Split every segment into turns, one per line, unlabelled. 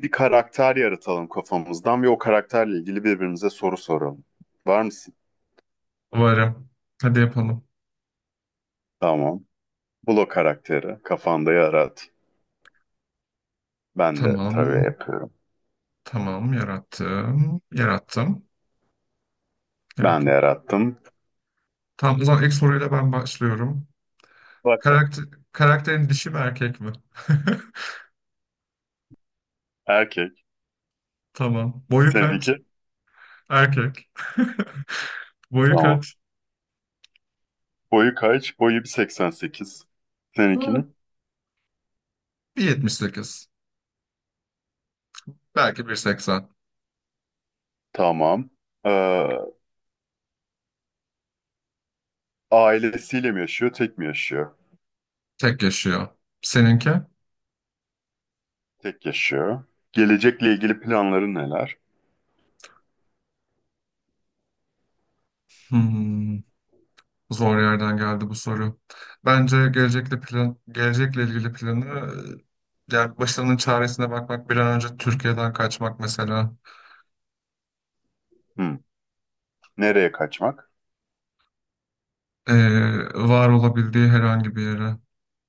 Bir karakter yaratalım kafamızdan ve o karakterle ilgili birbirimize soru soralım. Var mısın?
Varım. Hadi yapalım.
Tamam. Bul o karakteri. Kafanda yarat. Ben de tabii
Tamam.
yapıyorum.
Tamam. Yarattım. Yarattım.
Ben de
Yarattım.
yarattım.
Tamam, o zaman ilk soruyla ben başlıyorum.
Bak da.
Karakter, karakterin dişi mi, erkek mi?
Erkek.
Tamam. Boyu kaç?
Seninki?
Erkek. Boyu
Tamam.
kaç?
Boyu kaç? Boyu 1,88.
Hmm.
Seninkini?
1.78. Belki 1.80.
Tamam. Ee, ailesiyle mi yaşıyor? Tek mi yaşıyor?
Tek yaşıyor. Seninki?
Tek yaşıyor. Gelecekle ilgili planları neler?
Hmm. Zor yerden geldi bu soru. Bence gelecekle ilgili planı yani başarının çaresine bakmak, bir an önce Türkiye'den kaçmak mesela.
Hmm. Nereye kaçmak?
E, Var olabildiği herhangi bir yere.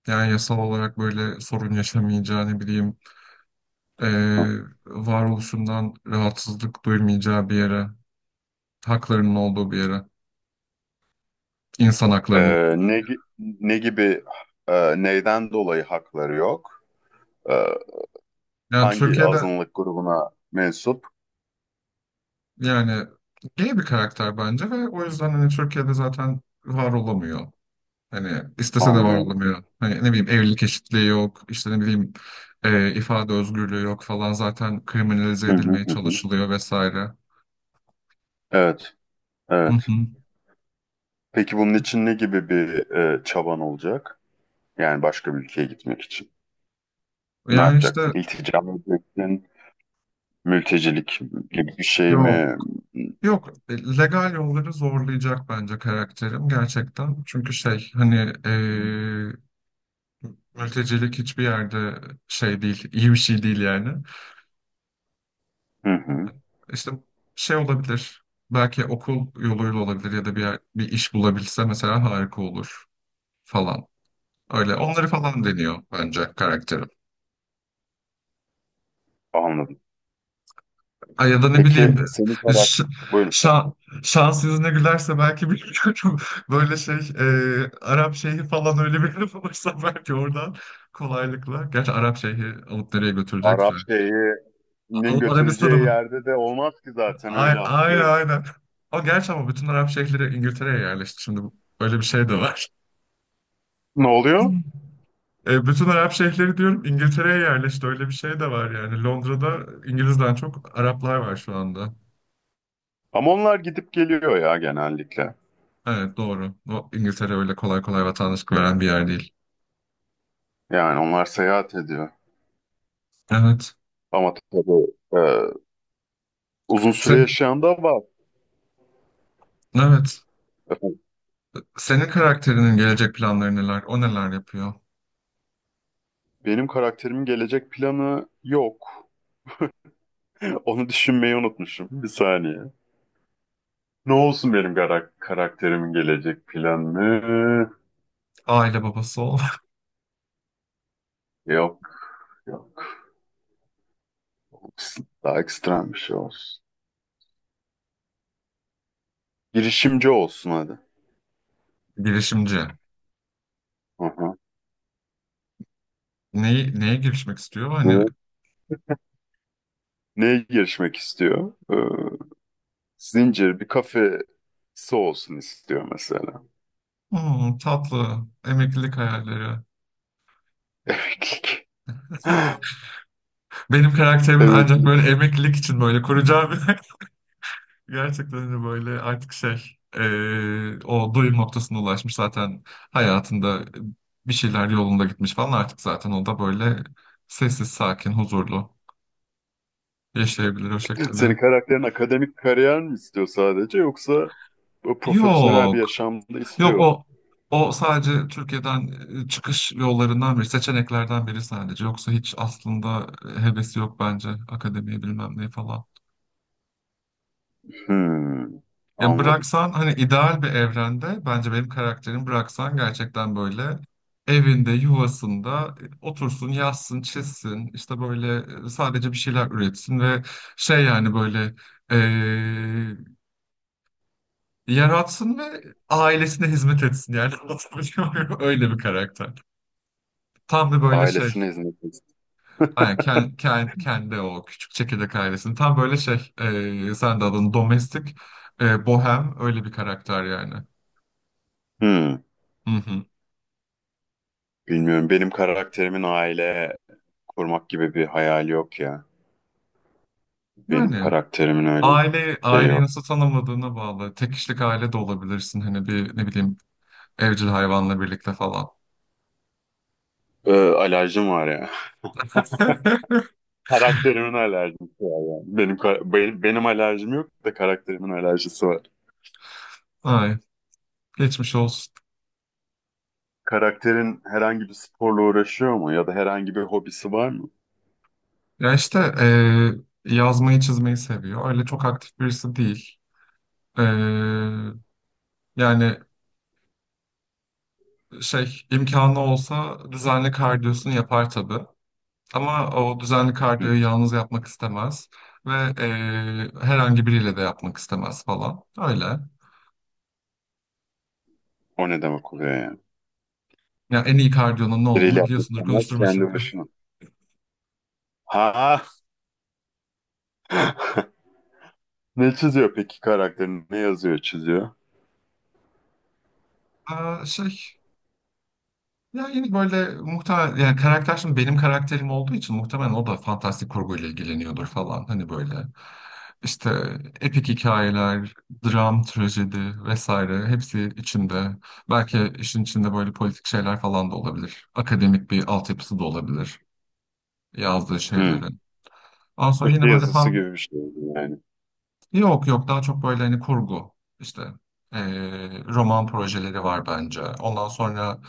Yani yasal olarak böyle sorun yaşamayacağı, ne bileyim, e, varoluşundan rahatsızlık duymayacağı bir yere. Haklarının olduğu bir yere. İnsan haklarının olduğu bir yere.
Ne gibi neyden dolayı hakları yok? Ee,
Yani
hangi
Türkiye'de,
azınlık grubuna mensup?
yani gay bir karakter bence ve o yüzden hani Türkiye'de zaten var olamıyor. Hani istese de
Anlıyorum.
varlamıyor. Hani ne bileyim, evlilik eşitliği yok, işte ne bileyim ifade özgürlüğü yok falan. Zaten kriminalize
Hı hı
edilmeye
hı hı.
çalışılıyor vesaire.
Evet,
Hı
evet.
hı.
Peki bunun için ne gibi bir çaban olacak? Yani başka bir ülkeye gitmek için. Ne
Yani
yapacaksın?
işte
İltica mı edeceksin? Mültecilik gibi bir şey
yok.
mi?
Yok. E, Legal yolları zorlayacak bence karakterim gerçekten. Çünkü şey, hani e, mültecilik hiçbir yerde şey değil, iyi bir şey değil yani.
Hı hı.
İşte şey olabilir. Belki okul yoluyla olabilir ya da bir iş bulabilse mesela harika olur falan. Öyle onları falan deniyor bence karakterim.
Anladım.
Ay ya da ne bileyim,
Peki senin
e,
karar...
ş-
Buyurun.
şa- şans yüzüne gülerse belki, bilmiyorum. Böyle şey, Arap Şeyhi falan öyle bir laf olursa belki oradan kolaylıkla. Gerçi Arap Şeyhi alıp nereye götürecekse.
Arap şeyinin
Alıp Arabistan'a
götüreceği
mı?
yerde de olmaz ki zaten
Ay,
öyle
aynen
hakları.
aynen. O gerçi, ama bütün Arap şeyhleri İngiltere'ye yerleşti. Öyle bir şey de var.
Ne oluyor?
Hmm. E, bütün Arap şeyhleri diyorum, İngiltere'ye yerleşti. Öyle bir şey de var yani. Londra'da İngiliz'den çok Araplar var şu anda.
Ama onlar gidip geliyor ya genellikle.
Evet, doğru. O İngiltere öyle kolay kolay vatandaşlık veren bir yer değil.
Yani onlar seyahat ediyor.
Evet.
Ama tabii e, uzun süre
Sen,
yaşayan da var.
evet.
Efendim,
Senin karakterinin gelecek planları neler? O neler yapıyor?
benim karakterimin gelecek planı yok. Onu düşünmeyi unutmuşum. Bir saniye. Ne olsun karakterimin gelecek planı?
Aile babası ol.
Yok, yok. Daha ekstrem bir şey olsun. Girişimci olsun hadi.
Girişimci.
Hı hı.
Neye girişmek istiyor? Hani
Hı. Neye girişmek istiyor? Zincir bir kafesi olsun istiyor mesela.
"Hmm, tatlı emeklilik hayalleri.
Evet.
Benim karakterimin
Evet.
ancak böyle emeklilik için böyle kuracağım. Gerçekten de böyle artık şey, o doyum noktasına ulaşmış zaten, hayatında bir şeyler yolunda gitmiş falan, artık zaten o da böyle sessiz, sakin, huzurlu yaşayabilir o şekilde.
Senin karakterin akademik kariyer mi istiyor sadece yoksa o profesyonel
Yok
bir yaşamda
yok
istiyor mu?
o o sadece Türkiye'den çıkış yollarından biri, seçeneklerden biri sadece, yoksa hiç aslında hevesi yok bence akademiye, bilmem ne falan.
Hmm,
Ya
anladım.
bıraksan, hani ideal bir evrende bence benim karakterim, bıraksan gerçekten böyle evinde, yuvasında otursun, yazsın, çizsin, işte böyle sadece bir şeyler üretsin ve şey, yani böyle eee, yaratsın ve ailesine hizmet etsin. Yani anlatabiliyor muyum? Öyle bir karakter. Tam bir böyle şey.
Ailesine hizmet istiyor.
Yani kendi, kendi, o küçük çekirdek ailesinin tam böyle şey, sen de adını domestik, bohem öyle bir karakter yani.
Hmm,
Hı hı.
bilmiyorum. Benim karakterimin aile kurmak gibi bir hayali yok ya. Benim
Yani
karakterimin öyle bir şey
Aileyi
yok.
nasıl tanımladığına bağlı. Tek kişilik aile de olabilirsin. Hani bir, ne bileyim, evcil hayvanla birlikte falan.
Alerjim var ya. Karakterimin alerjisi var yani. Benim alerjim yok da karakterimin alerjisi var.
Ay, geçmiş olsun.
Karakterin herhangi bir sporla uğraşıyor mu ya da herhangi bir hobisi var mı?
Ya işte, yazmayı çizmeyi seviyor. Öyle çok aktif birisi değil. E, Yani şey, imkanı olsa düzenli kardiyosunu yapar tabii. Ama o düzenli kardiyoyu yalnız yapmak istemez. Ve herhangi biriyle de yapmak istemez falan. Öyle.
O ne demek oluyor yani?
Ya en iyi kardiyonun ne
Biriyle
olduğunu
yapmak
biliyorsundur,
istemez
konuşturma şimdi.
kendi başına. Ha. Ne çiziyor peki karakterini? Ne yazıyor, çiziyor?
Aa, şey, ya yine böyle muhtemelen, yani karakter, şimdi benim karakterim olduğu için muhtemelen o da fantastik kurguyla ilgileniyordur falan, hani böyle işte epik hikayeler, dram, trajedi vesaire, hepsi içinde. Belki işin içinde böyle politik şeyler falan da olabilir. Akademik bir altyapısı da olabilir yazdığı
Hmm.
şeylerin. Ondan sonra
Köşe
yine böyle
yazısı
fan
gibi bir şey yani.
Yok yok, daha çok böyle hani kurgu, işte roman projeleri var bence. Ondan sonra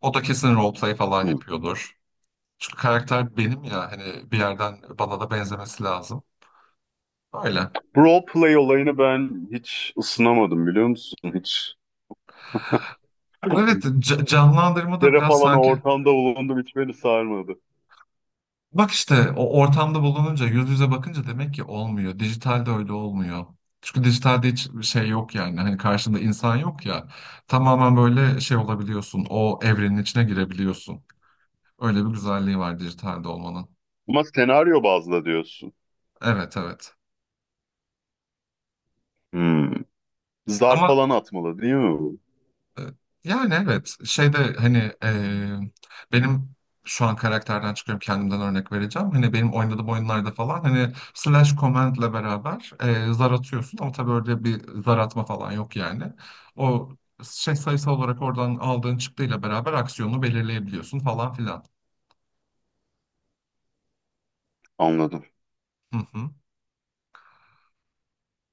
o da kesin roleplay falan
Hmm.
yapıyordur. Çünkü karakter benim ya, hani bir yerden bana da benzemesi lazım. Öyle.
Role play olayını ben hiç ısınamadım biliyor musun? Hiç.
Evet, canlandırma
Bir
da
kere
biraz
falan o
sanki.
ortamda bulundum hiç beni sarmadı.
Bak işte, o ortamda bulununca, yüz yüze bakınca demek ki olmuyor. Dijitalde öyle olmuyor. Çünkü dijitalde hiç şey yok, yani hani karşında insan yok ya, tamamen böyle şey olabiliyorsun, o evrenin içine girebiliyorsun. Öyle bir güzelliği var dijitalde olmanın.
Ama senaryo bazlı diyorsun.
Evet, evet.
Hmm. Zar
Ama
falan atmalı değil mi bu?
e, yani evet, şeyde hani, benim şu an karakterden çıkıyorum, kendimden örnek vereceğim. Hani benim oynadığım oyunlarda falan, hani slash command'le beraber zar atıyorsun, ama tabii öyle bir zar atma falan yok yani. O şey, sayısal olarak oradan aldığın çıktıyla beraber aksiyonu belirleyebiliyorsun falan filan.
Anladım.
Hı hı.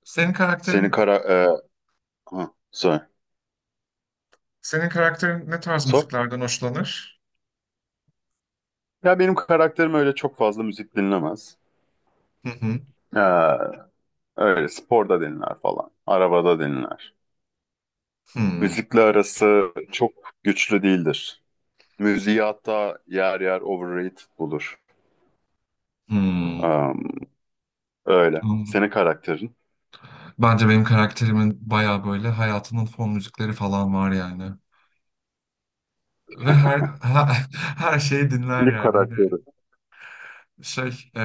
Senin
Seni
karakterin
kara... E, ha, sor.
Senin karakterin ne tarz
Sor.
müziklerden hoşlanır?
Ya benim karakterim öyle çok fazla müzik dinlemez.
Hı hı.
Ee, Öyle sporda dinler falan. Arabada dinler.
Hmm.
Müzikle arası çok güçlü değildir. Müziği hatta yer yer overrated bulur.
Hmm.
Am, öyle.
Anladım.
Senin karakterin?
Bence benim karakterimin bayağı böyle hayatının fon müzikleri falan var yani. Ve her her şeyi dinler
Filip
yani. Hani
karakteri.
şey, e,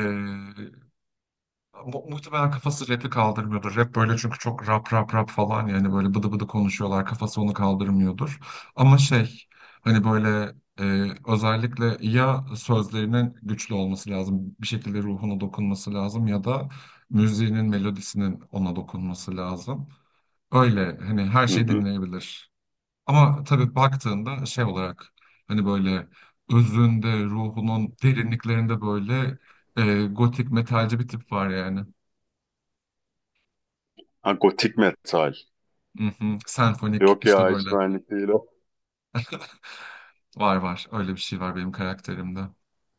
mu- muhtemelen kafası rapi kaldırmıyordur. Rap böyle, çünkü çok rap rap rap falan, yani böyle bıdı bıdı konuşuyorlar. Kafası onu kaldırmıyordur. Ama şey, hani böyle özellikle ya sözlerinin güçlü olması lazım. Bir şekilde ruhuna dokunması lazım ya da müziğinin, melodisinin ona dokunması lazım. Öyle hani her
Hı
şeyi
hı.
dinleyebilir. Ama tabii baktığında şey olarak, hani böyle özünde, ruhunun derinliklerinde böyle gotik metalci bir tip var yani.
Ha, gotik metal.
Mhm. Senfonik,
Yok
işte
ya hiç
böyle
benlik değil o.
var, öyle bir şey var benim karakterimde.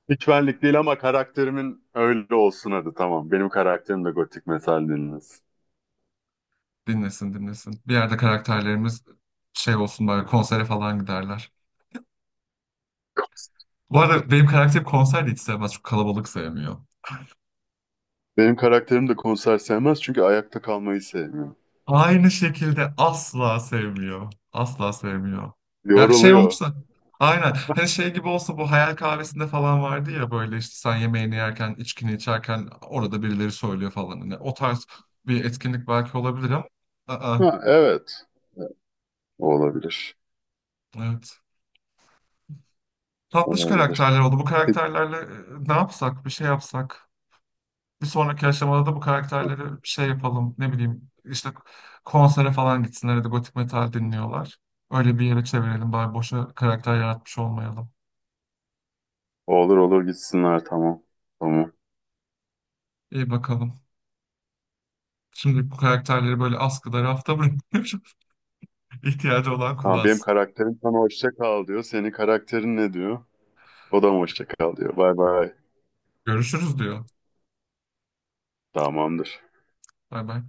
Hiç benlik değil ama karakterimin öyle olsun hadi tamam. Benim karakterim de gotik metal dinlesin.
Dinlesin, dinlesin. Bir yerde karakterlerimiz şey olsun, böyle konsere falan giderler. Bu arada benim karakterim konser de hiç sevmez. Çok kalabalık sevmiyor.
Benim karakterim de konser sevmez çünkü ayakta kalmayı sevmiyor.
Aynı şekilde asla sevmiyor. Asla sevmiyor. Ya şey
Yoruluyor.
olursa, aynen, hani şey gibi olsa, bu hayal kahvesinde falan vardı ya, böyle işte sen yemeğini yerken, içkini içerken orada birileri söylüyor falan. Hani o tarz bir etkinlik belki olabilir, ama aa,
Ha, evet. Olabilir.
evet. Tatlış
Olabilir.
karakterler oldu. Bu karakterlerle ne yapsak, bir şey yapsak, bir sonraki aşamada da bu karakterleri bir şey yapalım, ne bileyim işte konsere falan gitsinler ya da gotik metal dinliyorlar. Öyle bir yere çevirelim, bari boşa karakter yaratmış olmayalım.
Olur olur gitsinler tamam. Tamam.
İyi bakalım. Şimdi bu karakterleri böyle askıda, rafta bırakıyorum. İhtiyacı olan
Ha, benim
kullansın.
karakterim sana hoşça kal diyor. Senin karakterin ne diyor? O da mı hoşça kal diyor. Bay bay.
Görüşürüz diyor.
Tamamdır.
Bay bay.